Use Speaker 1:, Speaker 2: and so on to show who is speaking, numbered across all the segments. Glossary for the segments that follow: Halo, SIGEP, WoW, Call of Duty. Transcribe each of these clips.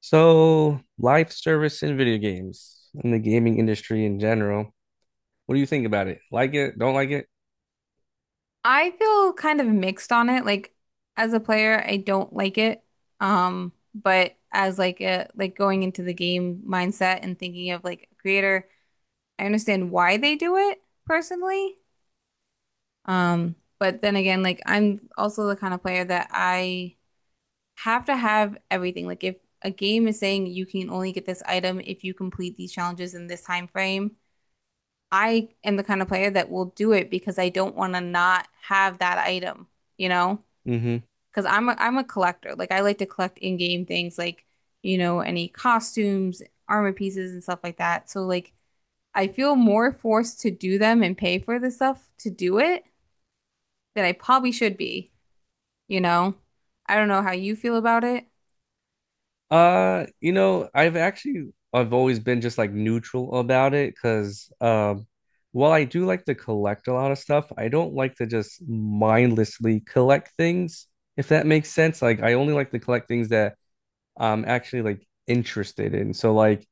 Speaker 1: So, life service in video games, in the gaming industry in general. What do you think about it? Like it? Don't like it?
Speaker 2: I feel kind of mixed on it. Like as a player, I don't like it. But as like going into the game mindset and thinking of like a creator, I understand why they do it personally. But then again, like I'm also the kind of player that I have to have everything. Like if a game is saying you can only get this item if you complete these challenges in this time frame, I am the kind of player that will do it because I don't want to not have that item, you know?
Speaker 1: Hmm.
Speaker 2: Because I'm a collector. Like I like to collect in-game things like, you know, any costumes, armor pieces and stuff like that. So like I feel more forced to do them and pay for the stuff to do it than I probably should be, you know? I don't know how you feel about it.
Speaker 1: I've actually I've always been just like neutral about it because while I do like to collect a lot of stuff, I don't like to just mindlessly collect things, if that makes sense. Like I only like to collect things that I'm actually like interested in. So like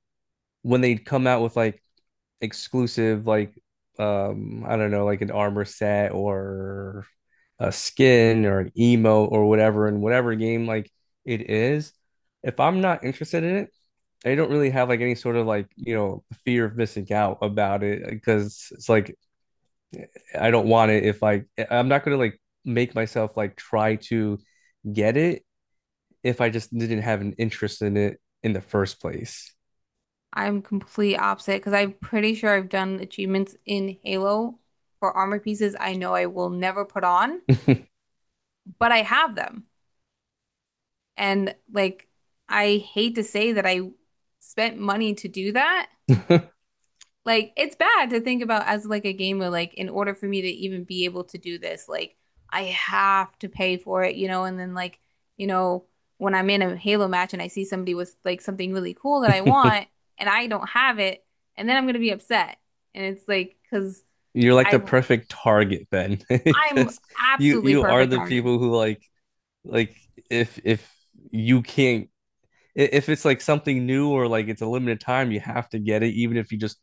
Speaker 1: when they come out with like exclusive like I don't know like an armor set or a skin or an emote or whatever in whatever game like it is, if I'm not interested in it, I don't really have like any sort of like fear of missing out about it because it's like I don't want it if like, I'm not gonna like make myself like try to get it if I just didn't have an interest in it in the first place.
Speaker 2: I'm complete opposite because I'm pretty sure I've done achievements in Halo for armor pieces I know I will never put on, but I have them. And like I hate to say that I spent money to do that. Like it's bad to think about as like a gamer, like in order for me to even be able to do this, like I have to pay for it, you know, and then like, you know, when I'm in a Halo match and I see somebody with like something really cool that I want and I don't have it, and then I'm gonna be upset. And it's like, because
Speaker 1: You're like
Speaker 2: I
Speaker 1: the perfect target, Ben,
Speaker 2: I'm
Speaker 1: because you
Speaker 2: absolutely
Speaker 1: you are
Speaker 2: perfect
Speaker 1: the
Speaker 2: target.
Speaker 1: people who like if you can't if it's like something new or like it's a limited time, you have to get it, even if you just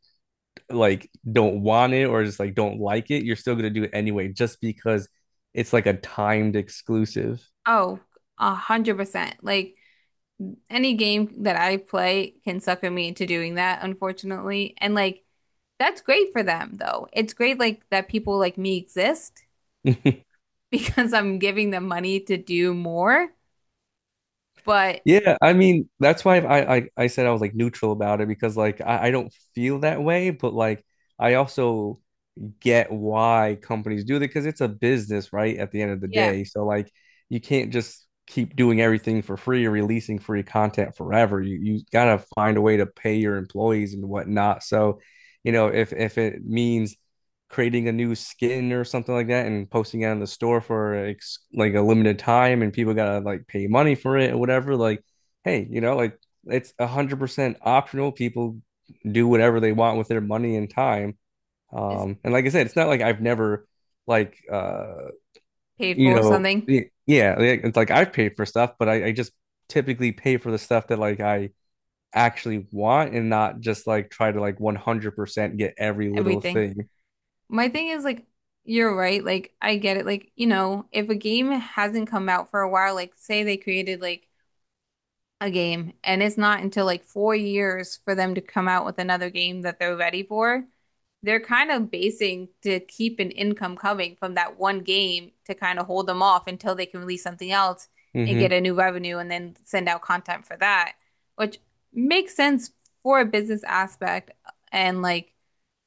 Speaker 1: like don't want it or just like don't like it, you're still gonna do it anyway, just because it's like a timed exclusive.
Speaker 2: Oh, 100%. Like any game that I play can sucker me into doing that, unfortunately. And like that's great for them, though. It's great like that people like me exist because I'm giving them money to do more. But
Speaker 1: Yeah, I mean, that's why I said I was like neutral about it because like I don't feel that way, but like I also get why companies do that because it's a business, right? At the end of the
Speaker 2: yeah,
Speaker 1: day. So like you can't just keep doing everything for free or releasing free content forever. You gotta find a way to pay your employees and whatnot. So, you know, if it means creating a new skin or something like that and posting it on the store for like a limited time and people gotta like pay money for it or whatever, like, hey, you know, like it's 100% optional. People do whatever they want with their money and time.
Speaker 2: it's
Speaker 1: And like I said, it's not like I've never like
Speaker 2: paid for something,
Speaker 1: yeah, it's like I've paid for stuff, but I just typically pay for the stuff that like I actually want and not just like try to like 100% get every little
Speaker 2: everything.
Speaker 1: thing.
Speaker 2: My thing is like you're right, like I get it. Like, you know, if a game hasn't come out for a while, like say they created like a game and it's not until like 4 years for them to come out with another game that they're ready for, they're kind of basing to keep an income coming from that one game to kind of hold them off until they can release something else and
Speaker 1: Hmm.
Speaker 2: get a new revenue and then send out content for that, which makes sense for a business aspect. And like,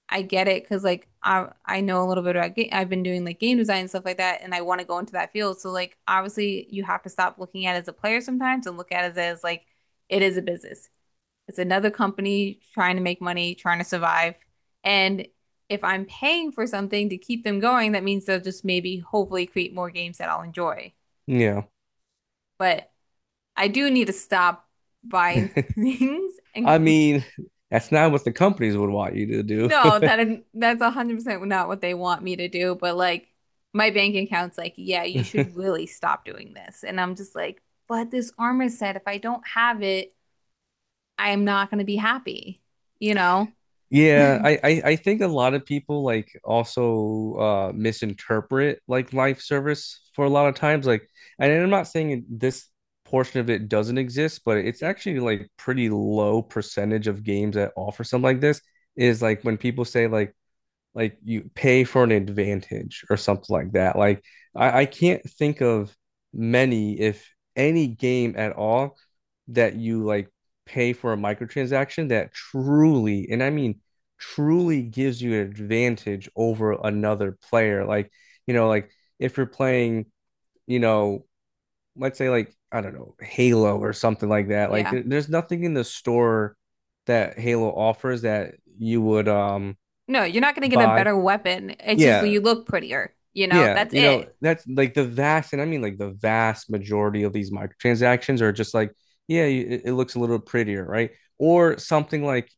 Speaker 2: I get it because like I know a little bit about game. I've been doing like game design and stuff like that, and I want to go into that field. So like, obviously, you have to stop looking at it as a player sometimes and look at it as like it is a business. It's another company trying to make money, trying to survive. And if I'm paying for something to keep them going, that means they'll just maybe hopefully create more games that I'll enjoy.
Speaker 1: Yeah.
Speaker 2: But I do need to stop buying things and
Speaker 1: I mean, that's not what the companies would want you to
Speaker 2: no, that is, that's 100% not what they want me to do, but like my bank account's like, "Yeah, you
Speaker 1: do.
Speaker 2: should really stop doing this." And I'm just like, "But this armor set, if I don't have it, I'm not going to be happy." You know?
Speaker 1: Yeah, I think a lot of people like also misinterpret like life service for a lot of times like and I'm not saying this portion of it doesn't exist, but it's
Speaker 2: Yeah.
Speaker 1: actually like pretty low percentage of games that offer something like this is like when people say like you pay for an advantage or something like that. Like I can't think of many, if any game at all, that you like pay for a microtransaction that truly, and I mean truly gives you an advantage over another player. Like, you know, like if you're playing, you know, let's say like, I don't know, Halo or something like that. Like
Speaker 2: Yeah.
Speaker 1: there's nothing in the store that Halo offers that you would
Speaker 2: No, you're not gonna get a
Speaker 1: buy.
Speaker 2: better weapon. It's just
Speaker 1: Yeah,
Speaker 2: you look prettier, you know?
Speaker 1: yeah,
Speaker 2: That's
Speaker 1: you know,
Speaker 2: it.
Speaker 1: that's like the vast, and I mean like the vast majority of these microtransactions are just like, yeah, it looks a little prettier, right? Or something like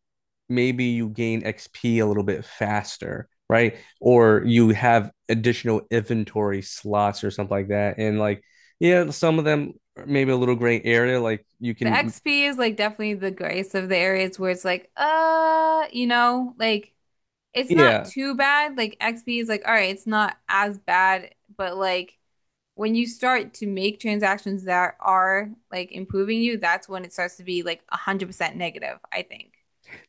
Speaker 1: maybe you gain XP a little bit faster, right? Or you have additional inventory slots or something like that. And like, yeah, some of them are maybe a little gray area, like you
Speaker 2: The
Speaker 1: can,
Speaker 2: XP is like definitely the grace of the areas where it's like, you know, like it's not
Speaker 1: yeah.
Speaker 2: too bad. Like XP is like, all right, it's not as bad, but like when you start to make transactions that are like improving you, that's when it starts to be like 100% negative, I think.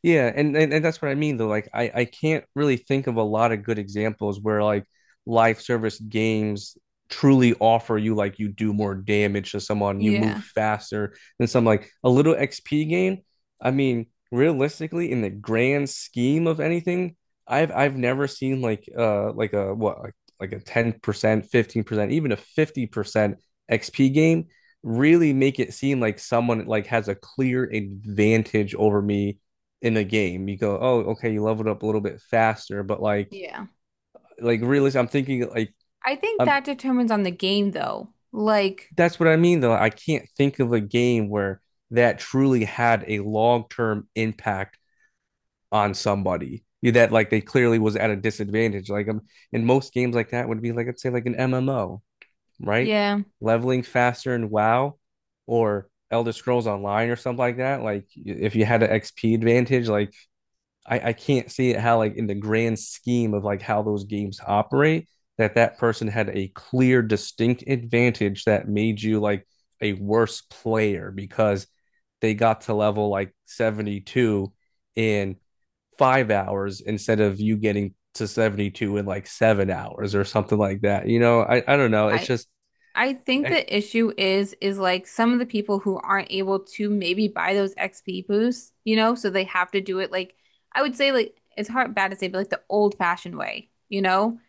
Speaker 1: Yeah, and, and that's what I mean though. Like I can't really think of a lot of good examples where like live service games truly offer you like you do more damage to someone, you move
Speaker 2: Yeah.
Speaker 1: faster than some like a little XP game. I mean, realistically, in the grand scheme of anything, I've never seen like a what like a 10%, 15%, even a 50% XP game really make it seem like someone like has a clear advantage over me in a game. You go, oh, okay, you leveled up a little bit faster, but
Speaker 2: Yeah.
Speaker 1: like really, I'm thinking like,
Speaker 2: I think
Speaker 1: um,
Speaker 2: that determines on the game though. Like,
Speaker 1: that's what I mean though. I can't think of a game where that truly had a long term impact on somebody that like they clearly was at a disadvantage. Like in most games like that would be like I'd say like an MMO, right?
Speaker 2: yeah.
Speaker 1: Leveling faster in WoW or Elder Scrolls Online or something like that. Like if you had an XP advantage, like I can't see it how like in the grand scheme of like how those games operate that that person had a clear distinct advantage that made you like a worse player because they got to level like 72 in 5 hours instead of you getting to 72 in like 7 hours or something like that I don't know it's
Speaker 2: I
Speaker 1: just
Speaker 2: I think
Speaker 1: I,
Speaker 2: the issue is like some of the people who aren't able to maybe buy those XP boosts, you know, so they have to do it like I would say like it's hard bad to say, but like the old fashioned way, you know?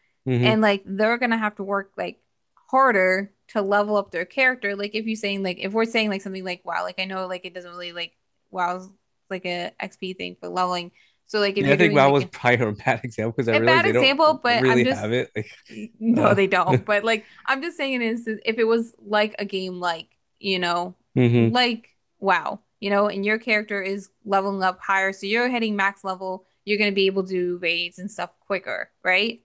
Speaker 2: And
Speaker 1: mm-hmm.
Speaker 2: like they're gonna have to work like harder to level up their character. Like if you're saying like if we're saying like something like wow, like I know like it doesn't really like WoW's like a XP thing for leveling. So like if
Speaker 1: Yeah I
Speaker 2: you're
Speaker 1: think
Speaker 2: doing
Speaker 1: that was
Speaker 2: like
Speaker 1: probably a bad example because I
Speaker 2: a bad
Speaker 1: realized they don't
Speaker 2: example, but I'm
Speaker 1: really
Speaker 2: just
Speaker 1: have it like
Speaker 2: no,
Speaker 1: uh,
Speaker 2: they don't. But like I'm just saying an instance if it was like a game like, you know,
Speaker 1: mm-hmm.
Speaker 2: like WoW, you know, and your character is leveling up higher, so you're hitting max level, you're gonna be able to do raids and stuff quicker, right?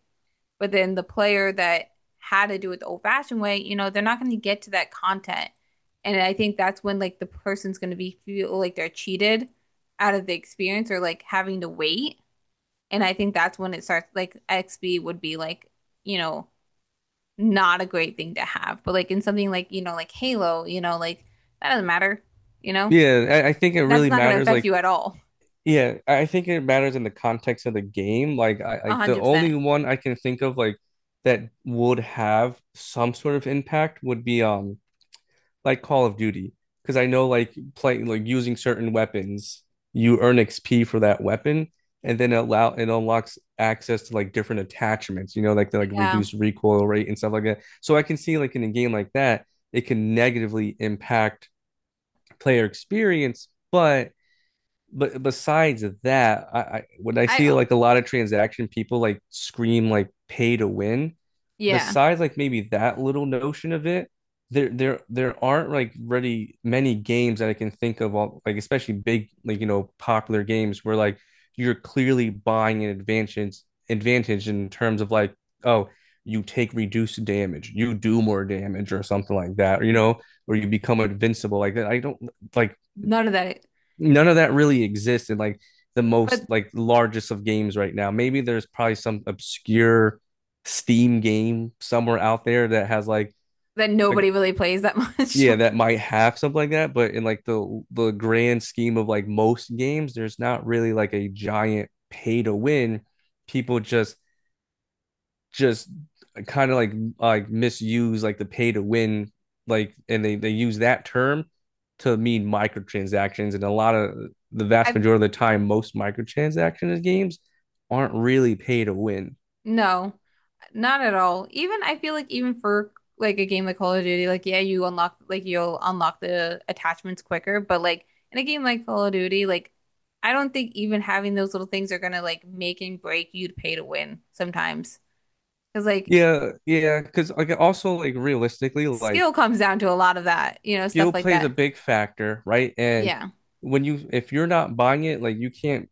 Speaker 2: But then the player that had to do it the old-fashioned way, you know, they're not gonna get to that content. And I think that's when like the person's gonna be feel like they're cheated out of the experience or like having to wait. And I think that's when it starts like Xb would be like, you know, not a great thing to have. But like in something like, you know, like Halo, you know, like that doesn't matter, you know?
Speaker 1: Yeah, I think it
Speaker 2: That's
Speaker 1: really
Speaker 2: not going to
Speaker 1: matters.
Speaker 2: affect
Speaker 1: Like,
Speaker 2: you at all.
Speaker 1: yeah, I think it matters in the context of the game. Like, I like the only
Speaker 2: 100%.
Speaker 1: one I can think of like that would have some sort of impact would be like Call of Duty, because I know like playing like using certain weapons, you earn XP for that weapon, and then it allow it unlocks access to like different attachments. You know, like the like
Speaker 2: Yeah.
Speaker 1: reduced recoil rate and stuff like that. So I can see like in a game like that, it can negatively impact player experience, but besides that, I when I see
Speaker 2: I
Speaker 1: like a lot of transaction people like scream like pay to win,
Speaker 2: yeah.
Speaker 1: besides like maybe that little notion of it, there aren't like really many games that I can think of all like especially big like you know popular games where like you're clearly buying an advantage advantage in terms of like oh you take reduced damage, you do more damage or something like that, or you know, or you become invincible like that. I don't like
Speaker 2: None of that
Speaker 1: none of that really exists in like the
Speaker 2: but
Speaker 1: most like largest of games right now. Maybe there's probably some obscure Steam game somewhere out there that has
Speaker 2: then nobody
Speaker 1: like
Speaker 2: really plays that much.
Speaker 1: yeah, that might have something like that, but in like the grand scheme of like most games, there's not really like a giant pay to win. People just kind of like misuse like the pay to win like and they use that term to mean microtransactions and a lot of the vast
Speaker 2: I
Speaker 1: majority of the time most microtransactions games aren't really pay to win.
Speaker 2: no. Not at all. Even I feel like even for like a game like Call of Duty, like yeah, you unlock like you'll unlock the attachments quicker, but like in a game like Call of Duty, like I don't think even having those little things are gonna like make and break you to pay to win sometimes. Because like
Speaker 1: Yeah, yeah, because like also like realistically like
Speaker 2: skill comes down to a lot of that, you know, stuff
Speaker 1: skill
Speaker 2: like
Speaker 1: plays a
Speaker 2: that.
Speaker 1: big factor, right? And
Speaker 2: Yeah.
Speaker 1: when you if you're not buying it, like you can't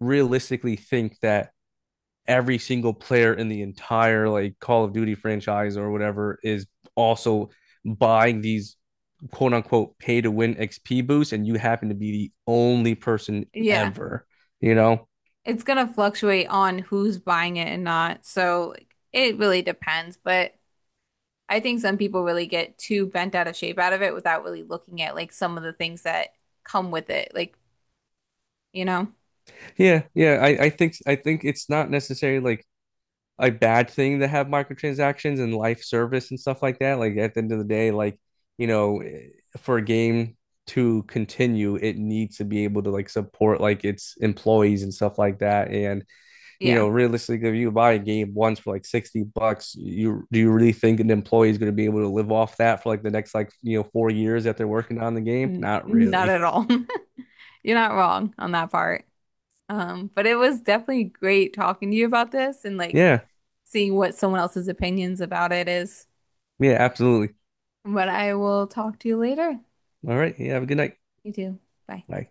Speaker 1: realistically think that every single player in the entire like Call of Duty franchise or whatever is also buying these quote unquote pay to win XP boosts and you happen to be the only person
Speaker 2: Yeah.
Speaker 1: ever, you know?
Speaker 2: It's gonna fluctuate on who's buying it and not. So like, it really depends, but I think some people really get too bent out of shape out of it without really looking at like some of the things that come with it. Like, you know,
Speaker 1: Yeah, yeah. I think it's not necessarily like a bad thing to have microtransactions and life service and stuff like that. Like at the end of the day, like, you know, eh, for a game to continue, it needs to be able to like support like its employees and stuff like that. And, you
Speaker 2: yeah,
Speaker 1: know, realistically, if you buy a game once for like 60 bucks, you do you really think an employee is going to be able to live off that for like the next like, you know, 4 years that they're working on the game?
Speaker 2: n-
Speaker 1: Not
Speaker 2: not
Speaker 1: really.
Speaker 2: at all. You're not wrong on that part. But it was definitely great talking to you about this and like
Speaker 1: Yeah.
Speaker 2: seeing what someone else's opinions about it is.
Speaker 1: Yeah, absolutely.
Speaker 2: But I will talk to you later.
Speaker 1: All right. Yeah, have a good night.
Speaker 2: You too. Bye.
Speaker 1: Bye.